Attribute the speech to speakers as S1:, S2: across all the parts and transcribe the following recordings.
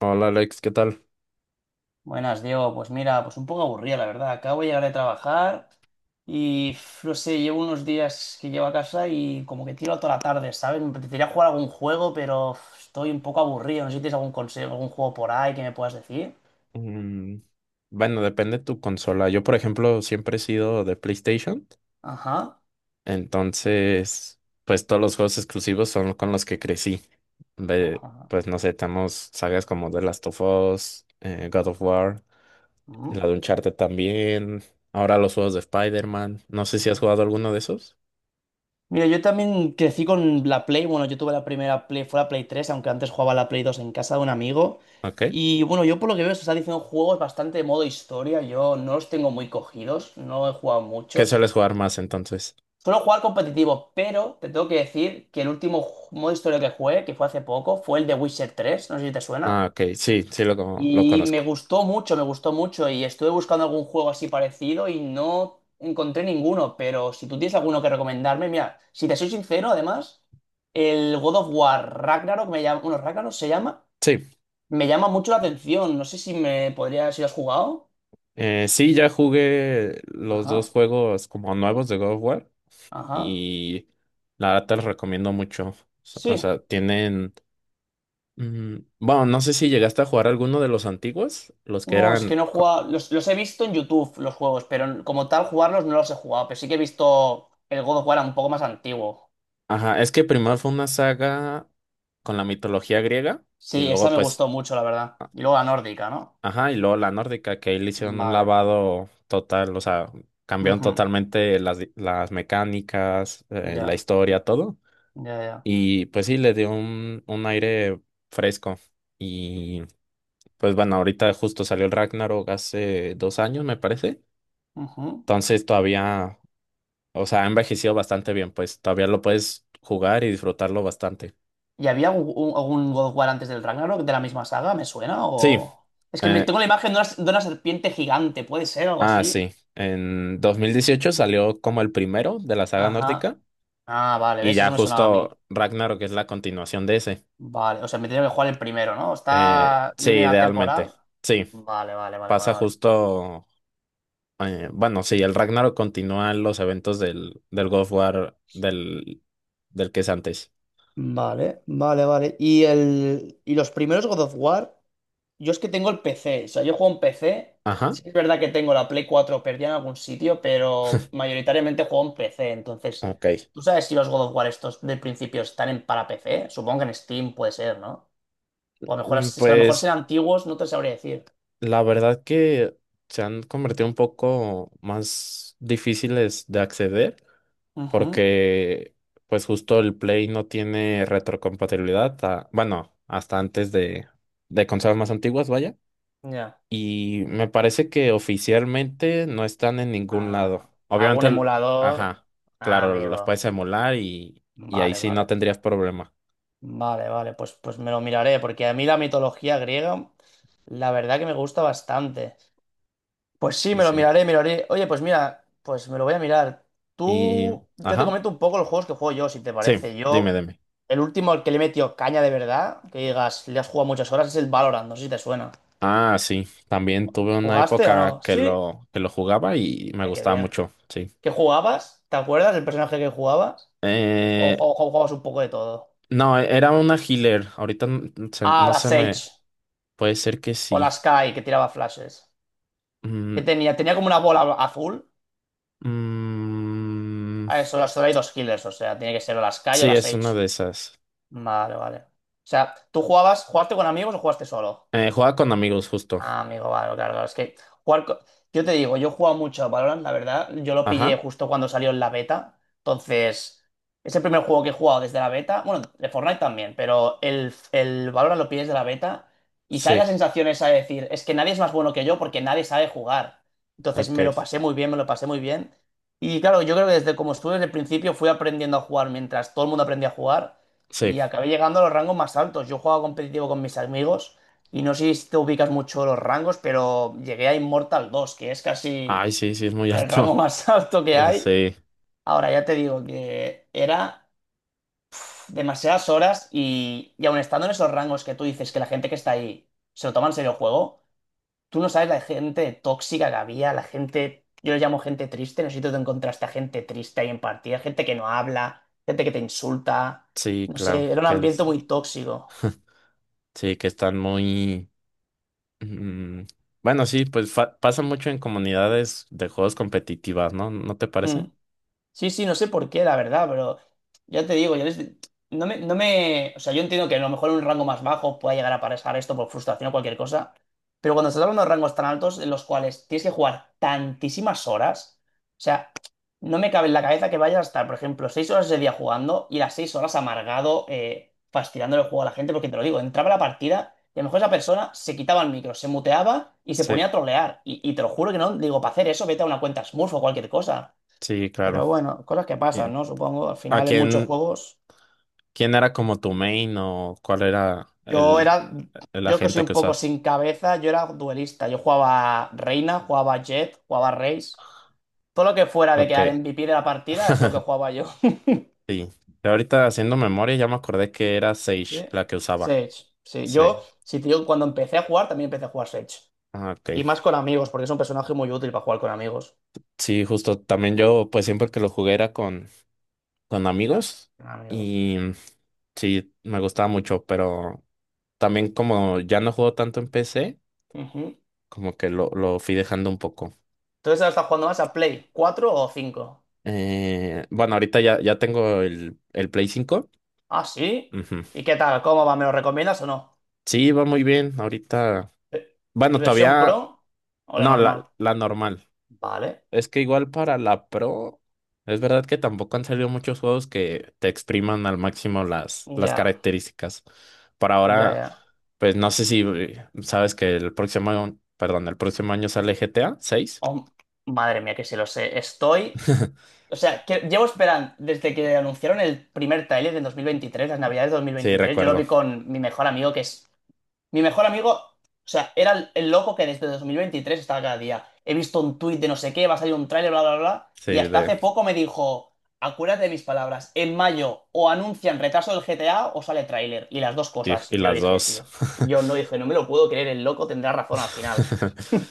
S1: Hola Alex, ¿qué tal?
S2: Buenas, Diego. Pues mira, pues un poco aburrida, la verdad. Acabo de llegar de trabajar y no sé, llevo unos días que llevo a casa y como que tiro toda la tarde, ¿sabes? Me apetecería jugar algún juego, pero estoy un poco aburrido. No sé si tienes algún consejo, algún juego por ahí que me puedas decir.
S1: Mm, bueno, depende de tu consola. Yo, por ejemplo, siempre he sido de PlayStation,
S2: Ajá.
S1: entonces, pues todos los juegos exclusivos son con los que crecí. De,
S2: Ajá,
S1: pues no sé, tenemos sagas como The Last of Us, God
S2: ajá,
S1: of War,
S2: ujú.
S1: la de Uncharted también, ahora los juegos de Spider-Man. No sé si has jugado alguno de esos.
S2: Mira, yo también crecí con la Play. Bueno, yo tuve la primera Play, fue la Play 3, aunque antes jugaba la Play 2 en casa de un amigo.
S1: Ok.
S2: Y bueno, yo por lo que veo, se está diciendo juegos bastante de modo historia. Yo no los tengo muy cogidos, no he jugado
S1: ¿Qué
S2: muchos.
S1: sueles jugar más entonces?
S2: Suelo jugar competitivo, pero te tengo que decir que el último modo historia que jugué, que fue hace poco, fue el de Witcher 3. No sé si te
S1: Ah,
S2: suena.
S1: ok, sí, sí lo
S2: Y me
S1: conozco.
S2: gustó mucho, me gustó mucho. Y estuve buscando algún juego así parecido y no encontré ninguno. Pero si tú tienes alguno que recomendarme, mira, si te soy sincero, además, el God of War Ragnarok me llama, bueno, Ragnarok se llama,
S1: Sí.
S2: me llama mucho la atención. No sé si me podría, si lo has jugado.
S1: Sí, ya jugué los dos
S2: Ajá,
S1: juegos como nuevos de God of War
S2: ajá.
S1: y la verdad te los recomiendo mucho. O
S2: Sí.
S1: sea, tienen... Bueno, no sé si llegaste a jugar alguno de los antiguos, los que
S2: No, es que
S1: eran...
S2: no he
S1: co-
S2: jugado. Los he visto en YouTube, los juegos, pero como tal, jugarlos no los he jugado. Pero sí que he visto el God of War un poco más antiguo.
S1: Ajá, es que primero fue una saga con la mitología griega y
S2: Sí, esa
S1: luego
S2: me
S1: pues...
S2: gustó mucho, la verdad. Y luego la nórdica, ¿no?
S1: Ajá, y luego la nórdica, que ahí le hicieron un
S2: Vale.
S1: lavado total, o sea, cambiaron
S2: Ujú.
S1: totalmente las mecánicas, la
S2: Ya,
S1: historia, todo.
S2: ya, ya.
S1: Y pues sí, le dio un aire fresco. Y pues bueno, ahorita justo salió el Ragnarok hace 2 años, me parece.
S2: Ujú.
S1: Entonces todavía, o sea, ha envejecido bastante bien, pues todavía lo puedes jugar y disfrutarlo bastante.
S2: ¿Y había algún God of War antes del Ragnarok de la misma saga? ¿Me suena?
S1: Sí,
S2: Es que
S1: eh,
S2: tengo la imagen de una serpiente gigante, ¿puede ser algo así?
S1: sí. En 2018 salió como el primero de la saga
S2: Ajá.
S1: nórdica.
S2: Ah, vale,
S1: Y
S2: ¿ves?
S1: ya
S2: Eso me sonaba a mí.
S1: justo Ragnarok es la continuación de ese.
S2: Vale, o sea, me tenía que jugar el primero, ¿no? ¿Está
S1: Sí,
S2: línea
S1: idealmente.
S2: temporal?
S1: Sí,
S2: Vale, vale, vale, vale,
S1: pasa
S2: vale.
S1: justo. Bueno, sí, el Ragnarok continúa los eventos del God of War del que es antes.
S2: Vale, vale, vale. ¿Y los primeros God of War? Yo es que tengo el PC, o sea, yo juego en PC. Sí
S1: Ajá,
S2: es verdad que tengo la Play 4 perdida en algún sitio, pero mayoritariamente juego en PC. Entonces,
S1: ok.
S2: ¿tú sabes si los God of War estos del principio están en para PC? Supongo que en Steam puede ser, ¿no? O a lo mejor, si a lo mejor
S1: Pues
S2: serán antiguos, no te sabría decir.
S1: la verdad que se han convertido un poco más difíciles de acceder
S2: Ujú,
S1: porque pues justo el Play no tiene retrocompatibilidad, bueno, hasta antes de, consolas más antiguas, vaya.
S2: ya.
S1: Y me parece que oficialmente no están en ningún lado.
S2: Ah,
S1: Obviamente,
S2: ¿algún
S1: el-
S2: emulador?
S1: ajá,
S2: Ah,
S1: claro, los puedes
S2: amigo.
S1: emular y ahí
S2: Vale,
S1: sí no
S2: vale.
S1: tendrías problema.
S2: Vale, vale. Pues, pues me lo miraré, porque a mí la mitología griega, la verdad que me gusta bastante. Pues sí,
S1: Sí,
S2: me lo
S1: sí.
S2: miraré, miraré. Oye, pues mira, pues me lo voy a mirar.
S1: Y,
S2: Tú, yo te
S1: ajá,
S2: comento un poco los juegos que juego yo, si te
S1: sí,
S2: parece.
S1: dime,
S2: Yo,
S1: dime.
S2: el último al que le he metido caña de verdad, que digas, le has jugado muchas horas, es el Valorant, no sé si te suena.
S1: Ah, sí, también tuve una
S2: ¿Jugaste o
S1: época
S2: no?
S1: que
S2: Sí.
S1: lo jugaba y me
S2: Ay, qué
S1: gustaba
S2: bien.
S1: mucho, sí.
S2: ¿Qué jugabas? ¿Te acuerdas del personaje que jugabas? ¿O
S1: Eh,
S2: jugabas un poco de todo?
S1: no, era una healer. Ahorita
S2: Ah,
S1: no
S2: la
S1: se me...
S2: Sage.
S1: Puede ser que
S2: O la
S1: sí.
S2: Sky, que tiraba flashes. ¿Qué
S1: Mm,
S2: tenía? Tenía como una bola azul.
S1: mm,
S2: A eso, solo hay dos killers, o sea, tiene que ser o la Sky o
S1: sí,
S2: la
S1: es
S2: Sage.
S1: una de esas.
S2: Vale, vale. O sea, ¿tú jugabas, jugaste con amigos o jugaste solo?
S1: Juega con amigos, justo.
S2: Ah, amigo, vale, claro, claro. Es que jugar. Yo te digo, yo he jugado mucho a Valorant, la verdad. Yo lo pillé
S1: Ajá.
S2: justo cuando salió en la beta. Entonces, es el primer juego que he jugado desde la beta. Bueno, de Fortnite también, pero el Valorant lo pillé desde la beta. Y sale
S1: Sí,
S2: la sensación esa de decir, es que nadie es más bueno que yo porque nadie sabe jugar. Entonces
S1: ok.
S2: me lo pasé muy bien, me lo pasé muy bien. Y claro, yo creo que desde como estuve desde el principio fui aprendiendo a jugar mientras todo el mundo aprendía a jugar.
S1: Sí.
S2: Y acabé llegando a los rangos más altos. Yo jugaba competitivo con mis amigos. Y no sé si te ubicas mucho los rangos, pero llegué a Immortal 2, que es casi
S1: Ay, sí, sí, es muy
S2: el rango
S1: alto.
S2: más alto que hay.
S1: Sí,
S2: Ahora ya te digo que era demasiadas horas y aun estando en esos rangos que tú dices que la gente que está ahí se lo toma en serio el juego, tú no sabes la gente tóxica que había, la gente, yo le llamo gente triste, no sé si tú te encontraste a gente triste ahí en partida, gente que no habla, gente que te insulta,
S1: sí,
S2: no
S1: claro.
S2: sé, era un
S1: Que es-
S2: ambiente muy tóxico.
S1: sí, que están muy... mm, bueno, sí, pues pasa mucho en comunidades de juegos competitivas, ¿no? ¿No te
S2: Mm.
S1: parece?
S2: Sí, sí, no sé por qué, la verdad, pero ya te digo, yo no me, no me, o sea, yo entiendo que a lo mejor en un rango más bajo pueda llegar a pasar esto por frustración o cualquier cosa, pero cuando estás hablando de rangos tan altos en los cuales tienes que jugar tantísimas horas, o sea, no me cabe en la cabeza que vayas a estar, por ejemplo, 6 horas ese día jugando y las 6 horas amargado, fastidiándole el juego a la gente, porque te lo digo, entraba la partida y a lo mejor esa persona se quitaba el micro, se muteaba y se
S1: Sí,
S2: ponía a trolear, y te lo juro que no, digo, para hacer eso vete a una cuenta Smurf o cualquier cosa.
S1: sí, claro.
S2: Pero bueno, cosas que
S1: Y-
S2: pasan, ¿no? Supongo, al
S1: ¿a
S2: final en muchos
S1: quién,
S2: juegos.
S1: quién era como tu main o cuál era
S2: Yo
S1: el,
S2: era,
S1: el
S2: yo que soy
S1: agente
S2: un
S1: que
S2: poco sin
S1: usas?
S2: cabeza, yo era duelista. Yo jugaba Reina, jugaba Jet, jugaba Raze. Todo lo que fuera de
S1: Ok.
S2: quedar MVP de la partida es lo que jugaba yo.
S1: Sí. Y ahorita haciendo memoria ya me acordé que era Sage
S2: Sí.
S1: la que usaba.
S2: Sage, sí.
S1: Sí.
S2: Yo, sí, tío, cuando empecé a jugar también empecé a jugar Sage.
S1: Ah, ok.
S2: Y más con amigos, porque es un personaje muy útil para jugar con amigos.
S1: Sí, justo. También yo, pues siempre que lo jugué era con amigos
S2: Con amigos.
S1: y sí, me gustaba mucho, pero también como ya no juego tanto en PC,
S2: Ujú.
S1: como que lo fui dejando un poco.
S2: Entonces ahora estás jugando más a Play, ¿cuatro o cinco?
S1: Bueno, ahorita ya tengo el Play 5.
S2: Ah, sí.
S1: Ujú.
S2: ¿Y qué tal? ¿Cómo va? ¿Me lo recomiendas o no?
S1: Sí, va muy bien. Ahorita,
S2: Eh, ¿y
S1: bueno,
S2: versión
S1: todavía,
S2: Pro o la
S1: no, la,
S2: normal?
S1: la normal.
S2: Vale,
S1: Es que igual para la Pro, es verdad que tampoco han salido muchos juegos que te expriman al máximo las
S2: ya,
S1: características. Por
S2: ya,
S1: ahora,
S2: ya.
S1: pues no sé si sabes que perdón, el próximo año sale GTA 6.
S2: Oh, madre mía, que si lo sé. Estoy. O sea, que llevo esperando desde que anunciaron el primer tráiler en 2023, las navidades de dos mil
S1: Sí,
S2: veintitrés. Yo lo
S1: recuerdo.
S2: vi con mi mejor amigo, que es mi mejor amigo, o sea, era el loco que desde 2023 estaba cada día. He visto un tuit de no sé qué, va a salir un tráiler, bla, bla, bla.
S1: Sí,
S2: Y hasta hace poco me dijo, acuérdate de mis palabras, en mayo o anuncian retraso del GTA o sale tráiler. Y las dos
S1: y,
S2: cosas. Y
S1: y
S2: yo
S1: las
S2: dije,
S1: dos.
S2: tío, yo no dije, no me lo puedo creer, el loco tendrá razón al final.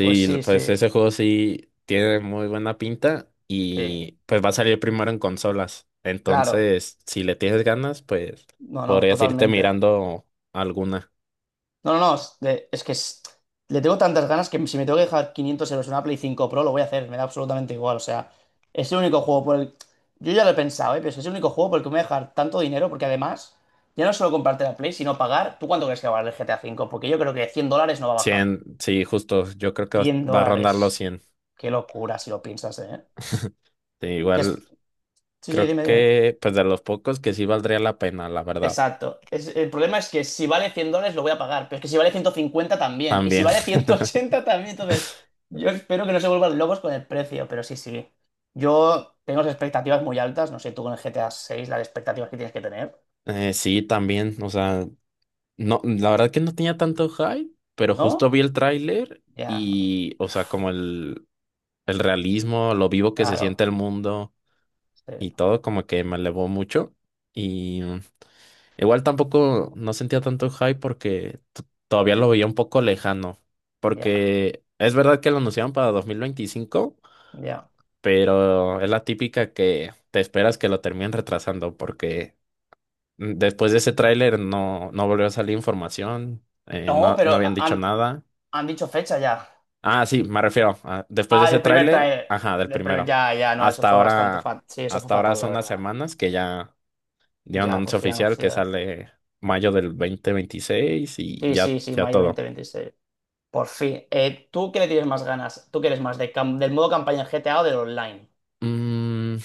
S2: Pues sí, sí,
S1: pues ese juego sí tiene muy buena pinta
S2: sí,
S1: y pues va a salir primero en consolas.
S2: claro.
S1: Entonces, si le tienes ganas, pues
S2: No, no,
S1: podrías irte
S2: totalmente.
S1: mirando alguna.
S2: No, no, no, es que le tengo tantas ganas que si me tengo que dejar 500 euros en una Play 5 Pro, lo voy a hacer, me da absolutamente igual, o sea, es el único juego por el... Yo ya lo he pensado, ¿eh? Pero es que es el único juego por el que me voy a dejar tanto dinero, porque además, ya no es solo comprarte la Play, sino pagar... ¿Tú cuánto crees que va a valer el GTA 5? Porque yo creo que $100 no va a bajar.
S1: 100 sí, justo, yo creo que va
S2: cien
S1: va a rondar los
S2: dólares.
S1: 100.
S2: Qué locura si lo piensas, ¿eh?
S1: Sí,
S2: Que es...
S1: igual
S2: Sí, sí,
S1: creo
S2: dime, dime.
S1: que pues de los pocos que sí valdría la pena, la verdad.
S2: Exacto. El problema es que si vale $100 lo voy a pagar, pero es que si vale 150 también, y si
S1: También,
S2: vale 180 también, entonces yo espero que no se vuelvan locos con el precio, pero sí, sí. Yo tengo las expectativas muy altas, no sé tú con el GTA seis las expectativas que tienes que tener,
S1: sí, también, o sea, no, la verdad que no tenía tanto hype, pero justo
S2: ¿no?
S1: vi el tráiler
S2: Ya,
S1: y, o sea, como el realismo, lo vivo que se siente
S2: claro,
S1: el mundo
S2: sí,
S1: y todo como que me elevó mucho. Y igual tampoco no sentía tanto hype porque todavía lo veía un poco lejano.
S2: ya,
S1: Porque es verdad que lo anunciaron para 2025,
S2: ya.
S1: pero es la típica que te esperas que lo terminen retrasando porque después de ese tráiler no, no volvió a salir información,
S2: No,
S1: no, no
S2: pero
S1: habían dicho
S2: han,
S1: nada.
S2: han dicho fecha ya.
S1: Ah, sí, me refiero, después de
S2: Ah,
S1: ese
S2: el primer
S1: tráiler,
S2: trailer.
S1: ajá, del
S2: El primer,
S1: primero.
S2: ya, ya, no, eso
S1: Hasta
S2: fue bastante
S1: ahora,
S2: fatal. Sí, eso fue
S1: hasta ahora
S2: fatal, la
S1: son las
S2: verdad.
S1: semanas que ya dieron
S2: Ya, por
S1: anuncio
S2: fin
S1: oficial que
S2: anunciar.
S1: sale mayo del 2026 y
S2: Sí,
S1: ya,
S2: sí, sí,
S1: ya
S2: mayo dos mil
S1: todo.
S2: veintiséis. Por fin. ¿Tú qué le tienes más ganas? ¿Tú quieres más de del modo campaña en GTA o del online?
S1: Mm,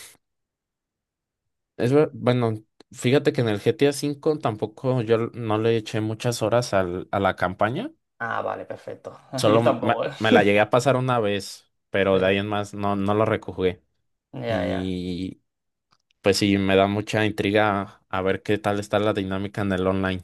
S1: bueno, fíjate que en el GTA 5 tampoco yo no le eché muchas horas a la campaña.
S2: Ah, vale, perfecto.
S1: Solo
S2: Yo
S1: me,
S2: tampoco, ¿eh?
S1: me la llegué a pasar una vez, pero
S2: Sí,
S1: de ahí en más no, no lo rejugué.
S2: ya, ya.
S1: Y pues sí, me da mucha intriga a ver qué tal está la dinámica en el online.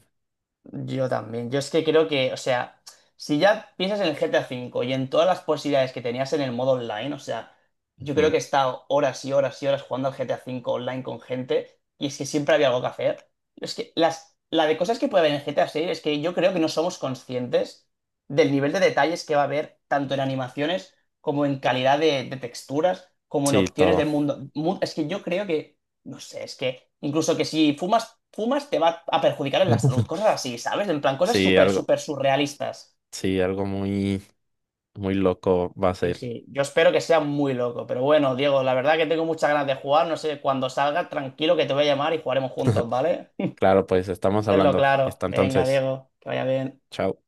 S2: Yo también. Yo es que creo que, o sea, si ya piensas en el GTA 5 y en todas las posibilidades que tenías en el modo online, o sea, yo creo
S1: Ujú.
S2: que he estado horas y horas y horas jugando al GTA 5 online con gente y es que siempre había algo que hacer. Es que las, la de cosas que puede haber en el GTA 6 es que yo creo que no somos conscientes del nivel de detalles que va a haber tanto en animaciones como en calidad de texturas, como en
S1: Sí,
S2: opciones
S1: todo.
S2: del mundo. Es que yo creo que no sé, es que incluso que si fumas, fumas te va a perjudicar en la salud, cosas así, ¿sabes? En plan, cosas
S1: Sí,
S2: súper,
S1: algo,
S2: súper surrealistas.
S1: sí, algo muy, muy loco va a
S2: Sí,
S1: ser.
S2: sí, yo espero que sea muy loco, pero bueno, Diego, la verdad que tengo muchas ganas de jugar, no sé, cuando salga, tranquilo que te voy a llamar y jugaremos juntos, ¿vale?
S1: Claro, pues estamos
S2: Tenlo
S1: hablando.
S2: claro.
S1: Está
S2: Venga,
S1: entonces.
S2: Diego, que vaya bien.
S1: Chao.